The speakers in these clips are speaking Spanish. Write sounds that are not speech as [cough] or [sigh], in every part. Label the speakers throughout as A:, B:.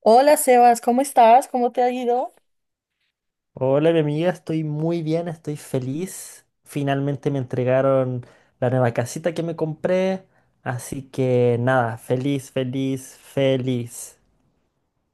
A: Hola Sebas, ¿cómo estás? ¿Cómo te ha ido?
B: Hola, mi amiga, estoy muy bien, estoy feliz. Finalmente me entregaron la nueva casita que me compré. Así que nada, feliz, feliz, feliz.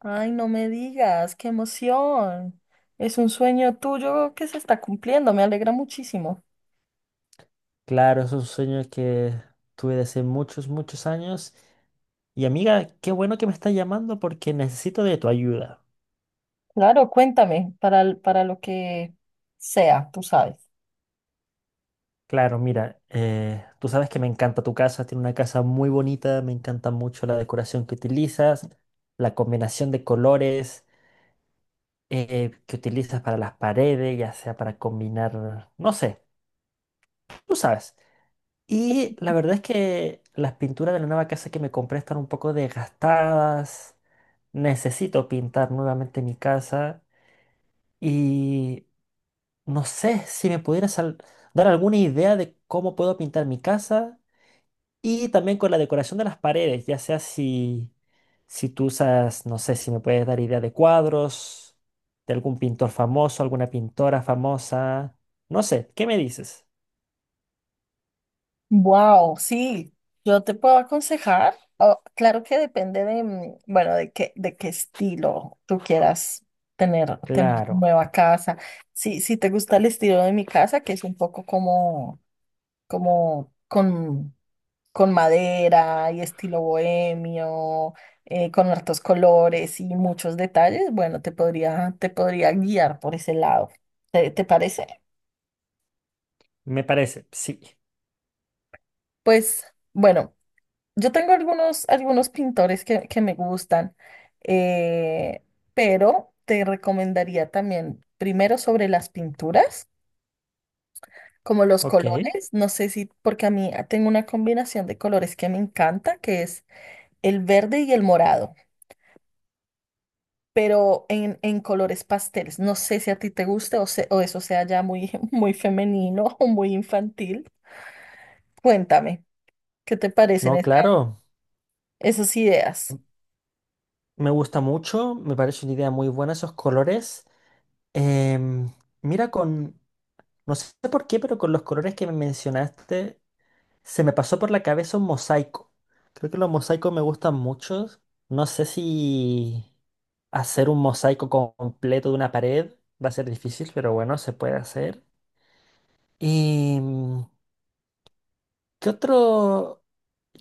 A: Ay, no me digas, qué emoción. Es un sueño tuyo que se está cumpliendo, me alegra muchísimo.
B: Claro, es un sueño que tuve desde muchos, muchos años. Y amiga, qué bueno que me estás llamando porque necesito de tu ayuda.
A: Claro, cuéntame, para lo que sea, tú sabes.
B: Claro, mira, tú sabes que me encanta tu casa, tiene una casa muy bonita, me encanta mucho la decoración que utilizas, la combinación de colores. Que utilizas para las paredes, ya sea para combinar, no sé, tú sabes. Y la verdad es que las pinturas de la nueva casa que me compré están un poco desgastadas. Necesito pintar nuevamente mi casa, y no sé si me pudieras dar alguna idea de cómo puedo pintar mi casa. Y también con la decoración de las paredes, ya sea si, si tú usas, no sé si me puedes dar idea de cuadros, de algún pintor famoso, alguna pintora famosa, no sé, ¿qué me dices?
A: Wow, sí, yo te puedo aconsejar. Oh, claro que depende de, bueno, de qué estilo tú quieras tener
B: Claro,
A: nueva casa. Sí, si te gusta el estilo de mi casa, que es un poco como con madera y estilo bohemio, con hartos colores y muchos detalles, bueno, te podría guiar por ese lado. Te parece?
B: me parece, sí,
A: Pues bueno, yo tengo algunos pintores que me gustan, eh, pero te recomendaría también primero sobre las pinturas, como los
B: ok.
A: colores, no sé si, porque a mí tengo una combinación de colores que me encanta, que es el verde y el morado. Pero en colores pasteles. No sé si a ti te guste o, o eso sea ya muy, [laughs] muy femenino o muy infantil. Cuéntame, ¿qué te parecen
B: No, claro,
A: esas ideas?
B: me gusta mucho, me parece una idea muy buena esos colores. Em, Mira, con, no sé por qué, pero con los colores que me mencionaste se me pasó por la cabeza un mosaico. Creo que los mosaicos me gustan mucho. No sé si hacer un mosaico completo de una pared va a ser difícil, pero bueno, se puede hacer. ¿Y qué otro,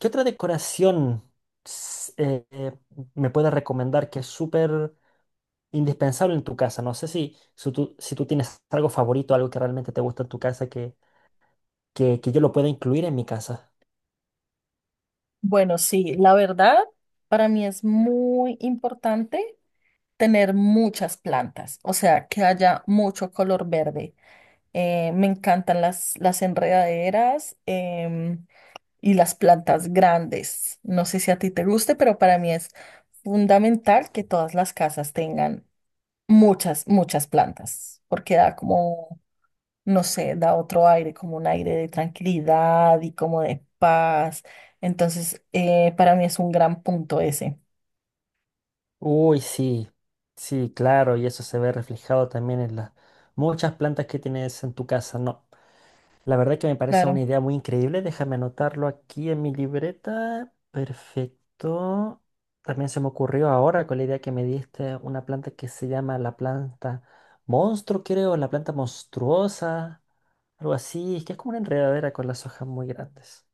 B: qué otra decoración s- eh, eh, me puedes recomendar que es súper indispensable en tu casa? No sé si, si tú, si tú tienes algo favorito, algo que realmente te gusta en tu casa que yo lo pueda incluir en mi casa.
A: Bueno, sí, la verdad, para mí es muy importante tener muchas plantas, o sea, que haya mucho color verde. Me encantan las enredaderas em, y las plantas grandes. No sé si a ti te guste, pero para mí es fundamental que todas las casas tengan muchas plantas, porque da como, no sé, da otro aire, como un aire de tranquilidad y como de paz. Entonces, para mí es un gran punto ese.
B: Uy, sí, sí, claro, y eso se ve reflejado también en las muchas plantas que tienes en tu casa. No, la verdad que me parece
A: Claro.
B: una idea muy increíble. Déjame anotarlo aquí en mi libreta. Perfecto. También se me ocurrió ahora con la idea que me diste una planta que se llama la planta monstruo, creo, la planta monstruosa, algo así, que es como una enredadera con las hojas muy grandes.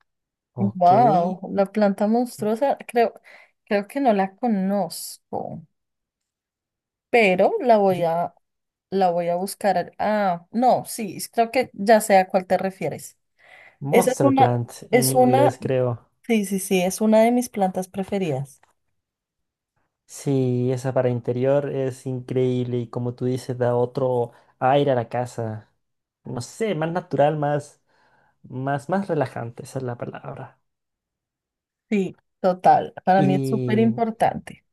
B: Ok,
A: Wow, la planta monstruosa, creo que no la conozco, pero
B: yo-
A: la voy a buscar. Ah, no, sí, creo que ya sé a cuál te refieres. Esa es
B: monster
A: una,
B: plant en
A: es una,
B: inglés, creo.
A: sí, sí, sí, es una de mis plantas preferidas.
B: Sí, esa para interior es increíble y como tú dices, da otro aire a la casa. No sé, más natural, más relajante, esa es la palabra.
A: Sí, total. Para mí es súper
B: Y
A: importante.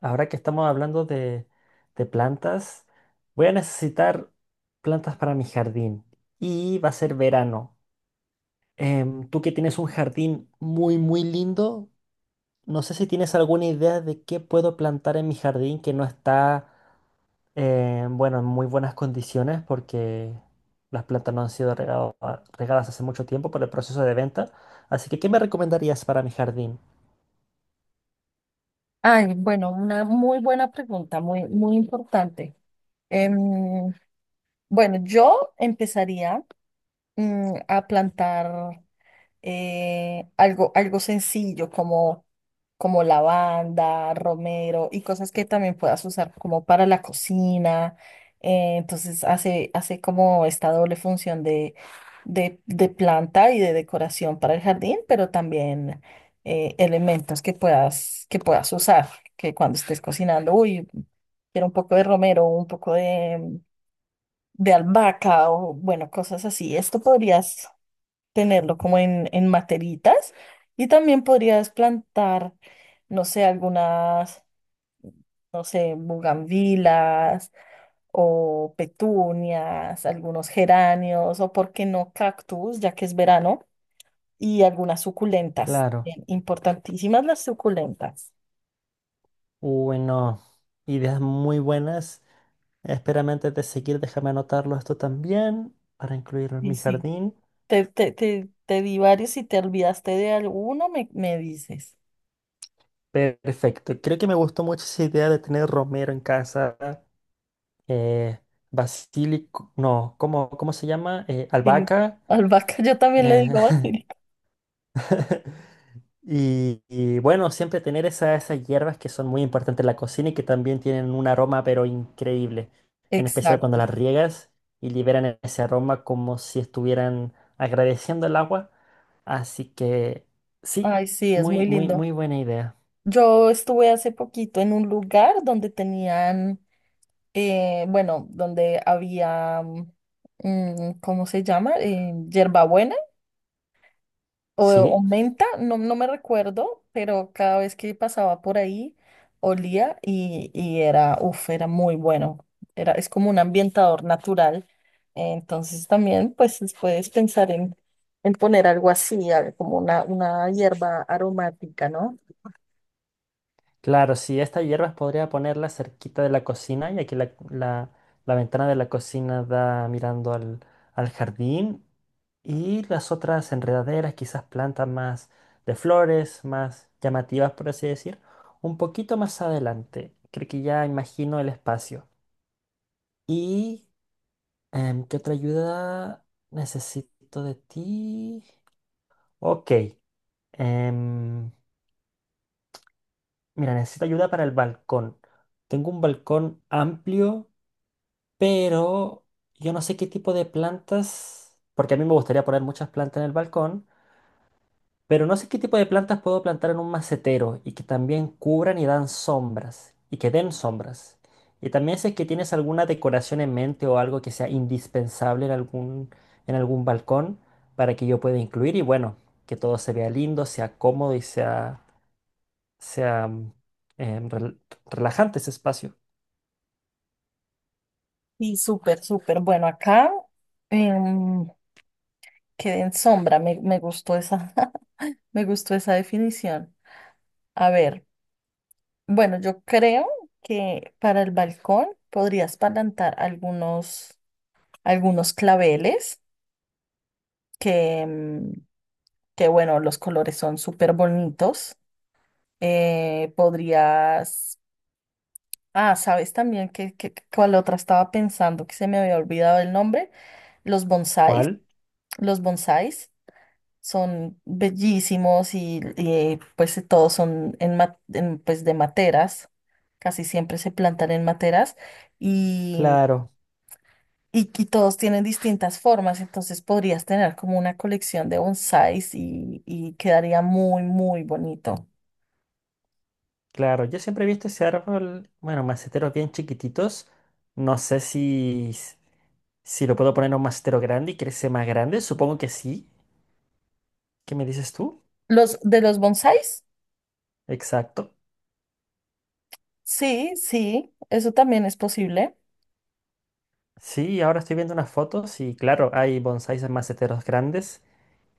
B: ahora que estamos hablando de plantas, voy a necesitar plantas para mi jardín y va a ser verano. Tú que tienes un jardín muy, muy lindo, no sé si tienes alguna idea de qué puedo plantar en mi jardín que no está. Bueno, en muy buenas condiciones porque las plantas no han sido regadas hace mucho tiempo por el proceso de venta. Así que, ¿qué me recomendarías para mi jardín?
A: Ay, bueno, una muy buena pregunta, muy, muy importante. Em, bueno, yo empezaría a plantar. Eh, algo sencillo como lavanda, romero y cosas que también puedas usar como para la cocina. Entonces hace como esta doble función de planta y de decoración para el jardín, pero también elementos que puedas usar, que cuando estés cocinando, uy, quiero un poco de romero, un poco de albahaca o bueno, cosas así. Esto podrías tenerlo como en materitas y también podrías plantar, no sé, algunas, no sé, bugambilas o petunias, algunos geranios o, por qué no, cactus, ya que es verano, y algunas suculentas.
B: Claro,
A: Bien, importantísimas las suculentas.
B: bueno, ideas muy buenas. Espérame antes de seguir, déjame anotarlo esto también para incluirlo en
A: Sí,
B: mi
A: sí.
B: jardín.
A: Te di varios y te olvidaste de alguno, me dices.
B: Perfecto, creo que me gustó mucho esa idea de tener romero en casa, eh, basílico, no, ¿cómo, cómo se llama?
A: Sí.
B: Albahaca.
A: Albahaca, [laughs] yo también le
B: eh,
A: digo basilico.
B: [laughs] Y, y bueno, siempre tener esas hierbas que son muy importantes en la cocina y que también tienen un aroma pero increíble, en especial cuando
A: Exacto.
B: las riegas y liberan ese aroma como si estuvieran agradeciendo el agua. Así que sí,
A: Ay, sí, es
B: muy,
A: muy
B: muy,
A: lindo.
B: muy buena idea.
A: Yo estuve hace poquito en un lugar donde tenían, bueno, donde había, mm, ¿cómo se llama? Hierbabuena o
B: Sí,
A: menta, no, no me recuerdo, pero cada vez que pasaba por ahí olía y era, uff, era muy bueno. Era, es como un ambientador natural. Entonces también, pues, puedes pensar en poner algo así, como una hierba aromática, ¿no?
B: claro, sí, estas hierbas podría ponerlas cerquita de la cocina, y aquí la ventana de la cocina da mirando al, al jardín. Y las otras enredaderas, quizás plantas más de flores, más llamativas, por así decir, un poquito más adelante. Creo que ya imagino el espacio. ¿Y qué otra ayuda necesito de ti? Ok. em, Mira, necesito ayuda para el balcón. Tengo un balcón amplio, pero yo no sé qué tipo de plantas, porque a mí me gustaría poner muchas plantas en el balcón. Pero no sé qué tipo de plantas puedo plantar en un macetero y que también cubran y dan sombras, y que den sombras. Y también sé que tienes alguna decoración en mente o algo que sea indispensable en algún balcón para que yo pueda incluir y bueno, que todo se vea lindo, sea cómodo y sea, sea em, rel- relajante ese espacio.
A: Y súper, súper. Bueno, acá em, quedé en sombra. Me gustó esa, [laughs] me gustó esa definición. A ver, bueno, yo creo que para el balcón podrías plantar algunos claveles que, que bueno, los colores son súper bonitos. Podrías, ah, sabes también cuál otra estaba pensando que se me había olvidado el nombre, los bonsáis.
B: ¿Cuál?
A: Los bonsáis son bellísimos y, pues todos son en, pues de materas, casi siempre se plantan en materas y,
B: Claro,
A: y todos tienen distintas formas, entonces podrías tener como una colección de bonsáis y quedaría muy, muy bonito.
B: claro. Yo siempre he visto ese árbol, bueno, maceteros bien chiquititos. No sé si si lo puedo poner en un mastero grande y crece más grande, supongo que sí. ¿Qué me dices tú?
A: Los de los bonsáis,
B: Exacto.
A: sí, sí, eso también es posible.
B: Sí, ahora estoy viendo unas fotos y claro, hay bonsáis en maceteros grandes.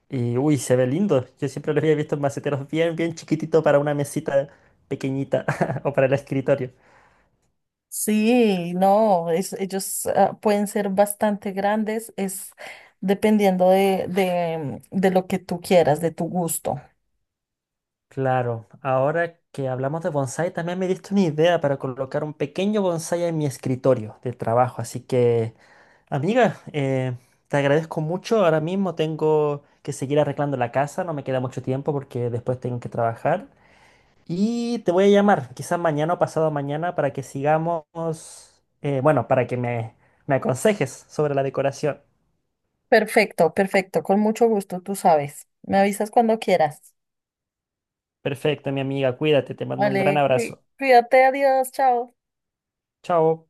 B: Y uy, se ve lindo. Yo siempre lo había visto en maceteros bien, bien chiquitito para una mesita pequeñita [laughs] o para el escritorio.
A: Sí, no, es- ellos ah, pueden ser bastante grandes, es dependiendo de lo que tú quieras, de tu gusto.
B: Claro, ahora que hablamos de bonsái, también me diste una idea para colocar un pequeño bonsái en mi escritorio de trabajo. Así que amiga, te agradezco mucho. Ahora mismo tengo que seguir arreglando la casa, no me queda mucho tiempo porque después tengo que trabajar. Y te voy a llamar, quizás mañana o pasado mañana, para que sigamos, bueno, para que me aconsejes sobre la decoración.
A: Perfecto, perfecto, con mucho gusto, tú sabes. Me avisas cuando quieras.
B: Perfecto, mi amiga, cuídate, te mando un gran
A: Vale,
B: abrazo.
A: cuídate, adiós, chao.
B: Chao.